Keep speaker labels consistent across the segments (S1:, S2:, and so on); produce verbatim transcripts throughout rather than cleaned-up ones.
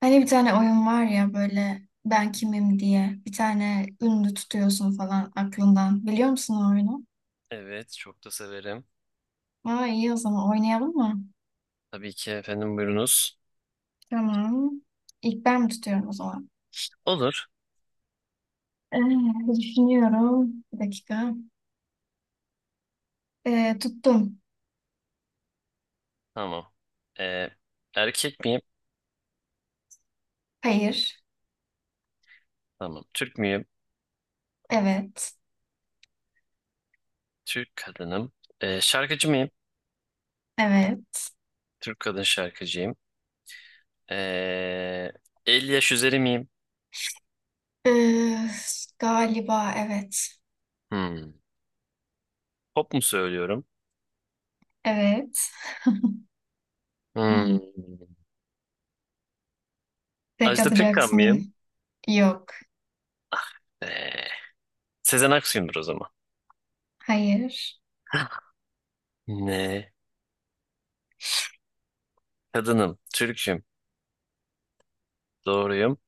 S1: Hani bir tane oyun var ya, böyle "ben kimim" diye bir tane ünlü tutuyorsun falan aklından. Biliyor musun o oyunu?
S2: Evet, çok da severim.
S1: Aa, iyi, o zaman oynayalım mı?
S2: Tabii ki efendim buyurunuz.
S1: Tamam. İlk ben mi tutuyorum o zaman?
S2: Olur.
S1: Ee, düşünüyorum. Bir dakika. Ee, tuttum.
S2: Tamam. Ee, erkek miyim?
S1: Hayır.
S2: Tamam. Türk müyüm?
S1: Evet.
S2: Türk kadınım. Ee, şarkıcı mıyım?
S1: Evet.
S2: Türk kadın şarkıcıyım. Ee, elli yaş üzeri miyim?
S1: Ee, galiba evet.
S2: Hmm. Pop mu söylüyorum?
S1: Evet. Hmm.
S2: Hmm.
S1: Tek
S2: Ajda Pekkan mıyım?
S1: atacaksın. Yok.
S2: Ee, Sezen Aksu'yumdur o zaman.
S1: Hayır.
S2: Ne? Kadınım, Türk'üm, doğruyum,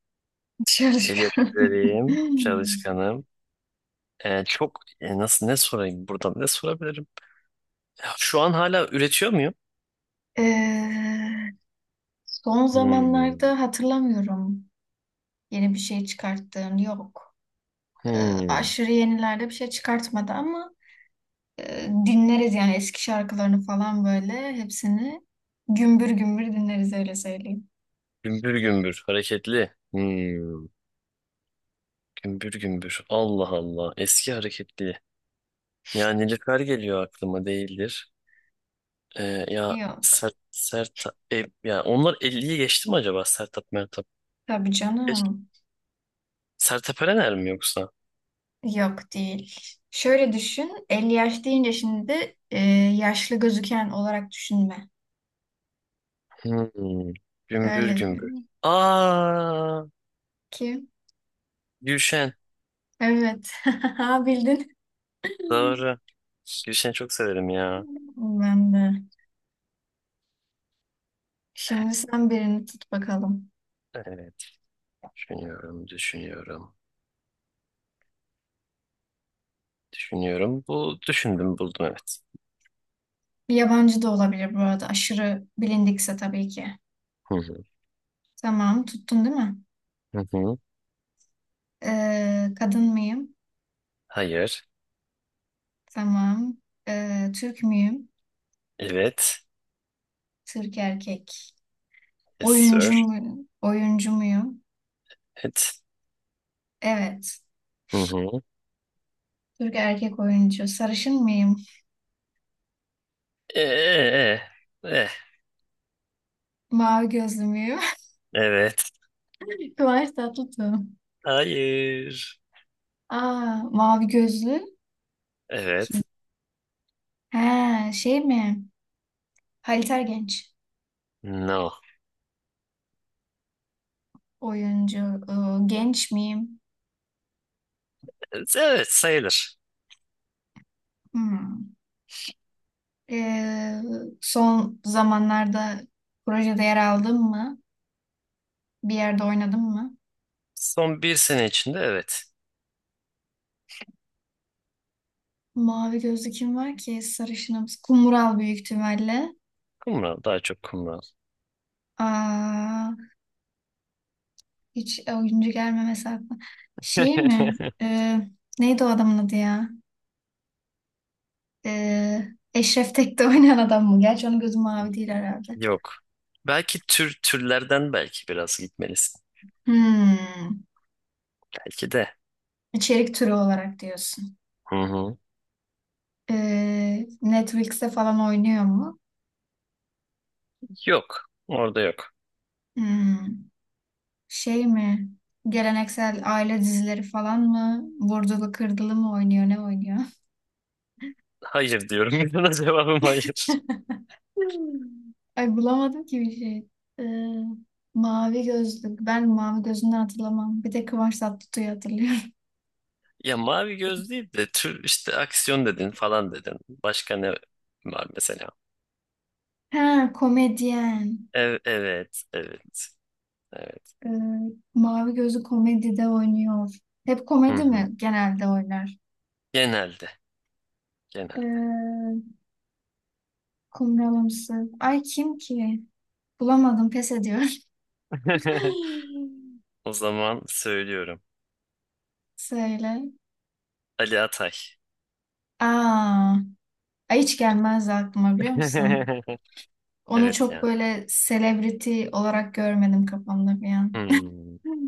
S1: Dışarı çık.
S2: el yaş üzeriyim, çalışkanım. Ee, çok e, nasıl ne sorayım buradan ne sorabilirim? Şu an hala üretiyor muyum?
S1: Ee, son
S2: Hmm.
S1: zamanlarda hatırlamıyorum yeni bir şey çıkarttığını, yok. Ee,
S2: Hmm.
S1: aşırı yenilerde bir şey çıkartmadı ama e, dinleriz yani, eski şarkılarını falan böyle hepsini gümbür gümbür dinleriz, öyle söyleyeyim.
S2: Gümbür gümbür hareketli. Hmm. Gümbür gümbür. Allah Allah. Eski hareketli. Ya Nilüfer geliyor aklıma değildir. Ee, ya
S1: Yok.
S2: Sert Sertap e, ya onlar elli'yi geçti mi acaba Sertap Mertap?
S1: Tabii
S2: Geç.
S1: canım.
S2: Sertab Erener mi yoksa?
S1: Yok değil. Şöyle düşün, elli yaş deyince şimdi e, yaşlı gözüken olarak düşünme.
S2: Hmm. Gümbür
S1: Öyle
S2: gümbür. Aa,
S1: ki.
S2: Gülşen.
S1: Evet. Bildin.
S2: Doğru. Gülşen'i çok severim ya.
S1: Ben de. Şimdi sen birini tut bakalım.
S2: Evet. Düşünüyorum, düşünüyorum. Düşünüyorum. Bu düşündüm buldum evet.
S1: Bir yabancı da olabilir bu arada. Aşırı bilindikse tabii ki.
S2: Hı hı.
S1: Tamam, tuttun değil mi?
S2: Hı hı.
S1: Ee, kadın mıyım?
S2: Hayır.
S1: Tamam. Ee, Türk müyüm?
S2: Evet.
S1: Türk erkek.
S2: Yes sir.
S1: Oyuncu muyum? Oyuncu muyum?
S2: Evet.
S1: Evet.
S2: Hı hı.
S1: Türk erkek oyuncu. Sarışın mıyım?
S2: Ee, e, Ee. e.
S1: Mavi gözlü müyüm?
S2: Evet.
S1: Kıvanç Tatlıtuğ.
S2: Hayır.
S1: Aa, mavi gözlü kim?
S2: Evet.
S1: He, şey mi? Halit Ergenç.
S2: No.
S1: Oyuncu. Ee, genç miyim?
S2: Evet evet, sayılır.
S1: Hmm. Ee, son zamanlarda projede yer aldın mı? Bir yerde oynadın mı?
S2: Son bir sene içinde evet.
S1: Mavi gözlü kim var ki? Sarışınımız. Kumral büyük ihtimalle.
S2: Kumral daha çok kumral.
S1: Aa, hiç oyuncu gelmemesi aklıma. Şey mi? Ee, neydi o adamın adı ya? Ee, Eşref Tek'te oynayan adam mı? Gerçi onun gözü mavi değil herhalde.
S2: Yok. Belki tür türlerden belki biraz gitmelisin.
S1: Hmm.
S2: Belki de.
S1: İçerik türü olarak diyorsun.
S2: Hı hı.
S1: Ee, Netflix'te falan oynuyor mu?
S2: Yok. Orada yok.
S1: Hmm. Şey mi? Geleneksel aile dizileri falan mı? Vurdulu kırdılı mı oynuyor? Ne oynuyor?
S2: Hayır diyorum. Buna cevabım hayır.
S1: Hmm. Ay, bulamadım ki bir şey. Ee, mavi gözlük. Ben mavi gözünden hatırlamam. Bir de Kıvanç Tatlıtuğ'u hatırlıyorum.
S2: Ya mavi göz değil de tür işte aksiyon dedin falan dedin. Başka ne var mesela?
S1: Ha, komedyen.
S2: Ev, evet, evet, evet.
S1: Ee, mavi gözlü komedide oynuyor. Hep
S2: Hı
S1: komedi
S2: hı.
S1: mi genelde oynar?
S2: Genelde, genelde.
S1: Ee, kumralımsı. Ay, kim ki? Bulamadım, pes ediyor.
S2: O zaman söylüyorum.
S1: Söyle.
S2: Ali Atay.
S1: Aa. Ay, hiç gelmezdi aklıma, biliyor musun? Onu
S2: Evet
S1: çok
S2: ya.
S1: böyle celebrity olarak görmedim kafamda bir an.
S2: Hmm.
S1: Hmm.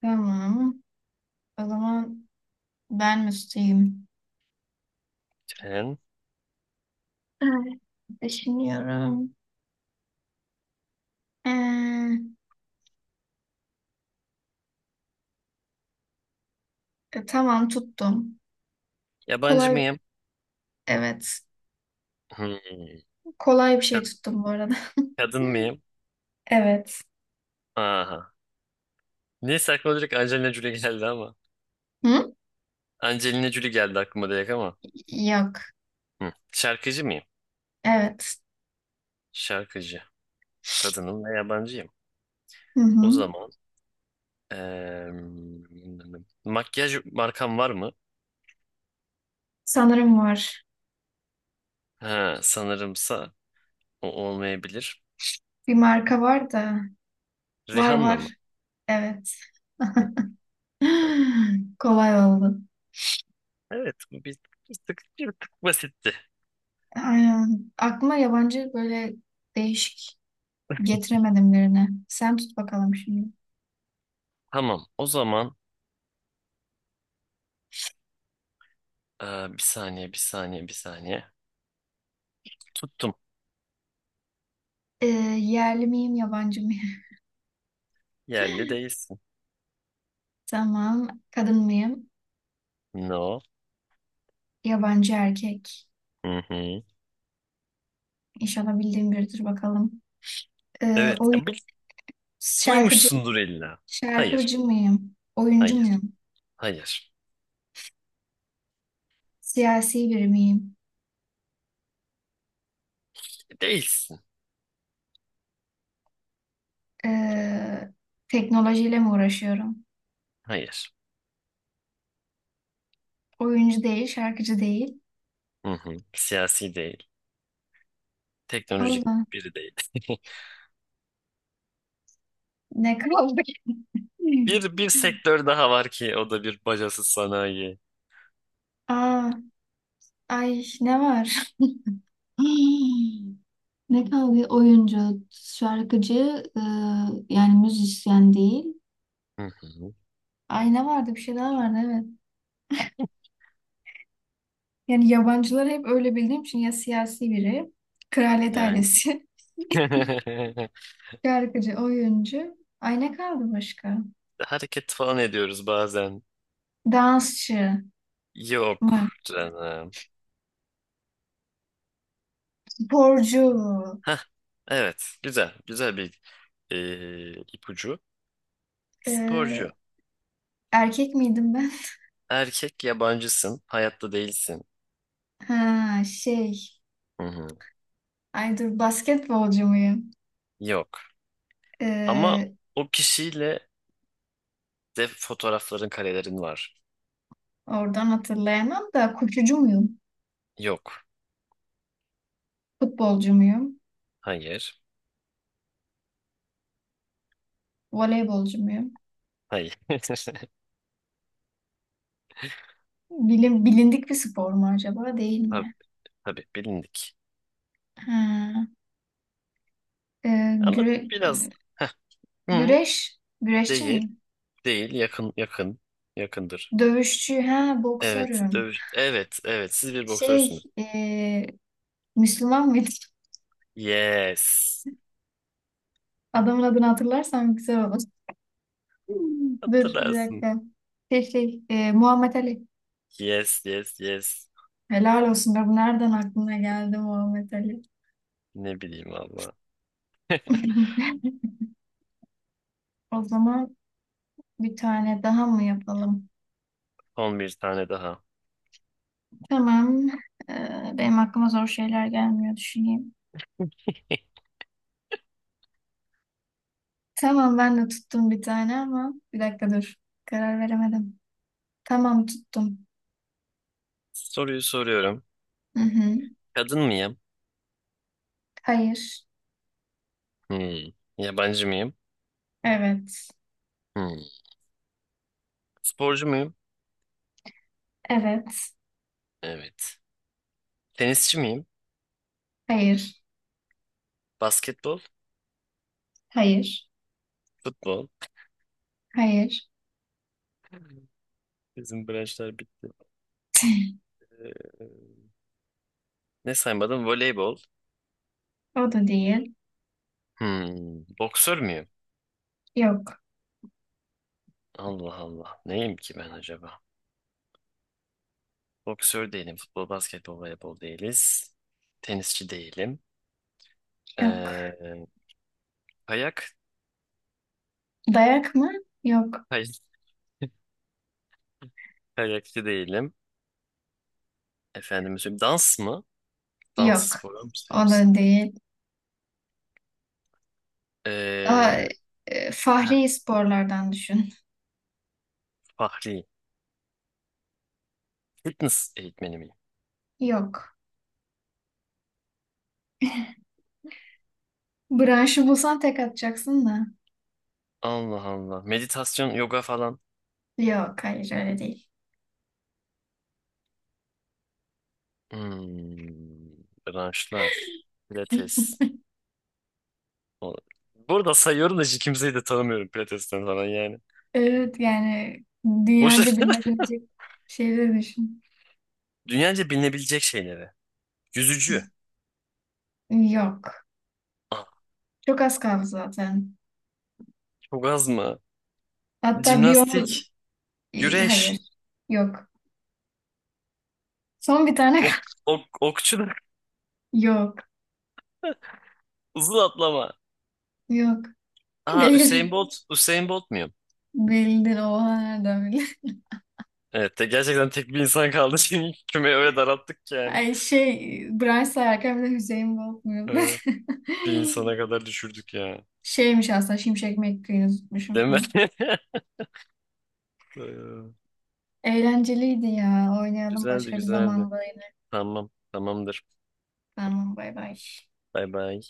S1: Tamam. O zaman ben müsteyim.
S2: Sen
S1: Evet, düşünüyorum. Ee, e, tamam, tuttum.
S2: yabancı
S1: Kolay,
S2: mıyım?
S1: evet.
S2: Hmm.
S1: Kolay bir şey
S2: Kad-
S1: tuttum bu arada.
S2: Kadın mıyım?
S1: Evet.
S2: Aha. Neyse aklıma direkt Angelina Jolie geldi ama.
S1: Hı?
S2: Angelina Jolie geldi aklıma direkt ama.
S1: Yok.
S2: Hı. Şarkıcı mıyım?
S1: Evet.
S2: Şarkıcı. Kadınım ve yabancıyım.
S1: Hı
S2: O
S1: hı.
S2: zaman Eee, makyaj markam var mı?
S1: Sanırım var.
S2: Ha, sanırımsa o olmayabilir.
S1: Bir marka var da. Var
S2: Rihanna mı?
S1: var. Evet.
S2: Hı, tamam.
S1: Kolay oldu.
S2: Evet, bu bir, bir tık, bir tık basitti.
S1: Aynen. Aklıma yabancı böyle değişik getiremedim birine. Sen tut bakalım şimdi.
S2: Tamam, o zaman eee, bir saniye, bir saniye, bir saniye. Tuttum.
S1: Ee, yerli miyim, yabancı mıyım?
S2: Yerli değilsin.
S1: Tamam. Kadın mıyım?
S2: No.
S1: Yabancı erkek.
S2: Hı hı.
S1: İnşallah bildiğim biridir bakalım. Ee,
S2: Evet,
S1: oyun
S2: ya bil-
S1: şarkıcı
S2: duymuşsundur illa. Hayır,
S1: şarkıcı mıyım? Oyuncu
S2: hayır,
S1: muyum?
S2: hayır.
S1: Siyasi biri miyim?
S2: Değilsin.
S1: Ee, teknolojiyle mi uğraşıyorum?
S2: Hayır.
S1: Oyuncu değil, şarkıcı değil.
S2: Hı hı. Siyasi değil. Teknolojik
S1: Allah,
S2: biri değil.
S1: ne kaldı ki?
S2: Bir bir sektör daha var ki o da bir bacasız sanayi.
S1: Aa, ay ne var? Hmm. Ne kadar bir oyuncu, şarkıcı, e, yani müzisyen değil.
S2: Hı hı.
S1: Ayna vardı, bir şey daha vardı, evet. Yani yabancıları hep öyle bildiğim için, ya siyasi biri, kraliyet
S2: Yani
S1: ailesi, şarkıcı, oyuncu. Ay, ne kaldı başka?
S2: hareket falan ediyoruz bazen.
S1: Dansçı
S2: Yok
S1: mı?
S2: canım.
S1: Sporcu.
S2: Hah, evet güzel güzel bir e, ipucu. Sporcu.
S1: Ee, erkek miydim ben?
S2: Erkek yabancısın. Hayatta değilsin.
S1: Ha, şey.
S2: Hı hı.
S1: Ay, dur, basketbolcu muyum?
S2: Yok. Ama
S1: Ee,
S2: o kişiyle de fotoğrafların karelerin var.
S1: oradan hatırlayamam da koşucu muyum?
S2: Yok.
S1: Futbolcu muyum?
S2: Hayır.
S1: Voleybolcu muyum?
S2: Hayır.
S1: Bilin, bilindik bir spor mu acaba? Değil
S2: Tabii,
S1: mi?
S2: tabii bilindik.
S1: Ha, e,
S2: Ama
S1: güre-
S2: biraz heh, hı,
S1: güreş, güreşçi
S2: değil,
S1: miyim?
S2: değil, yakın, yakın, yakındır.
S1: Dövüşçü, ha,
S2: Evet,
S1: boksörüm.
S2: dövüş. Evet, evet. Siz bir
S1: Şey,
S2: boksörsünüz.
S1: e, Müslüman mıydım?
S2: Yes.
S1: Adamın adını hatırlarsam güzel olur. Hmm, dur bir
S2: Hatırlarsın.
S1: dakika. Şey, şey, e, Muhammed Ali.
S2: Yes, yes, yes.
S1: Helal olsun be, bu nereden aklına geldi Muhammed Ali?
S2: Ne bileyim valla.
S1: O zaman bir tane daha mı yapalım?
S2: Son bir tane daha.
S1: Tamam. Ee, benim aklıma zor şeyler gelmiyor, düşüneyim. Tamam, ben de tuttum bir tane ama bir dakika dur. Karar veremedim. Tamam, tuttum.
S2: Soruyu soruyorum.
S1: Hı hı.
S2: Kadın mıyım?
S1: Hayır.
S2: Hmm. Yabancı mıyım?
S1: Evet.
S2: Hmm. Sporcu muyum?
S1: Evet.
S2: Evet. Tenisçi miyim?
S1: Hayır.
S2: Basketbol,
S1: Hayır.
S2: futbol.
S1: Hayır.
S2: Bizim branşlar bitti. Ee, ne saymadım? Voleybol.
S1: O da değil.
S2: Hmm. Boksör müyüm?
S1: Yok.
S2: Allah Allah. Neyim ki ben acaba? Boksör değilim. Futbol, basketbol, voleybol değiliz. Tenisçi değilim.
S1: Yok.
S2: Ee, kayak,
S1: Dayak mı? Yok.
S2: kay- kayakçı değilim. Efendim söyleyeyim. Dans mı? Dans
S1: Yok.
S2: sporu mu
S1: O
S2: sevmişsin?
S1: da değil. Daha
S2: Ee,
S1: e,
S2: heh,
S1: fahri sporlardan düşün.
S2: Fahri. Fitness eğitmeni miyim?
S1: Yok. Branşı bulsan tek atacaksın da.
S2: Allah Allah. Meditasyon, yoga falan.
S1: Yok. Hayır, öyle değil.
S2: Hmm, branşlar. Pilates. O- Burada sayıyorum da hiç kimseyi de tanımıyorum Pilates'ten falan yani.
S1: Evet, yani
S2: Boş.
S1: dünyaca bilinebilecek şeyleri düşün.
S2: Dünyaca bilinebilecek şeyleri. Yüzücü.
S1: Yok.
S2: Aa,
S1: Çok az kaldı zaten.
S2: çok az mı?
S1: Hatta bir onu...
S2: Jimnastik.
S1: e, Hayır.
S2: Güreş.
S1: Yok. Son bir tane kaldı.
S2: Ok, ok, okçuluk.
S1: Yok.
S2: Uzun atlama.
S1: Yok.
S2: Aa Usain
S1: Değil.
S2: Bolt. Usain Bolt muyum?
S1: Bildin. Oha, nereden bildin?
S2: Evet de gerçekten tek bir insan kaldı. Şimdi kümeyi öyle daralttık ki yani.
S1: Ay şey, Brian sayarken, bir de Hüseyin Bolt muydu?
S2: Ee, bir insana kadar düşürdük ya.
S1: Şeymiş aslında, Şimşek McQueen'i tutmuşum
S2: Değil mi?
S1: falan.
S2: Ee,
S1: Eğlenceliydi ya. Oynayalım
S2: Güzeldi
S1: başka bir
S2: güzeldi.
S1: zamanda yine.
S2: Tamam. Tamamdır.
S1: Tamam, bay bay.
S2: Bay bay.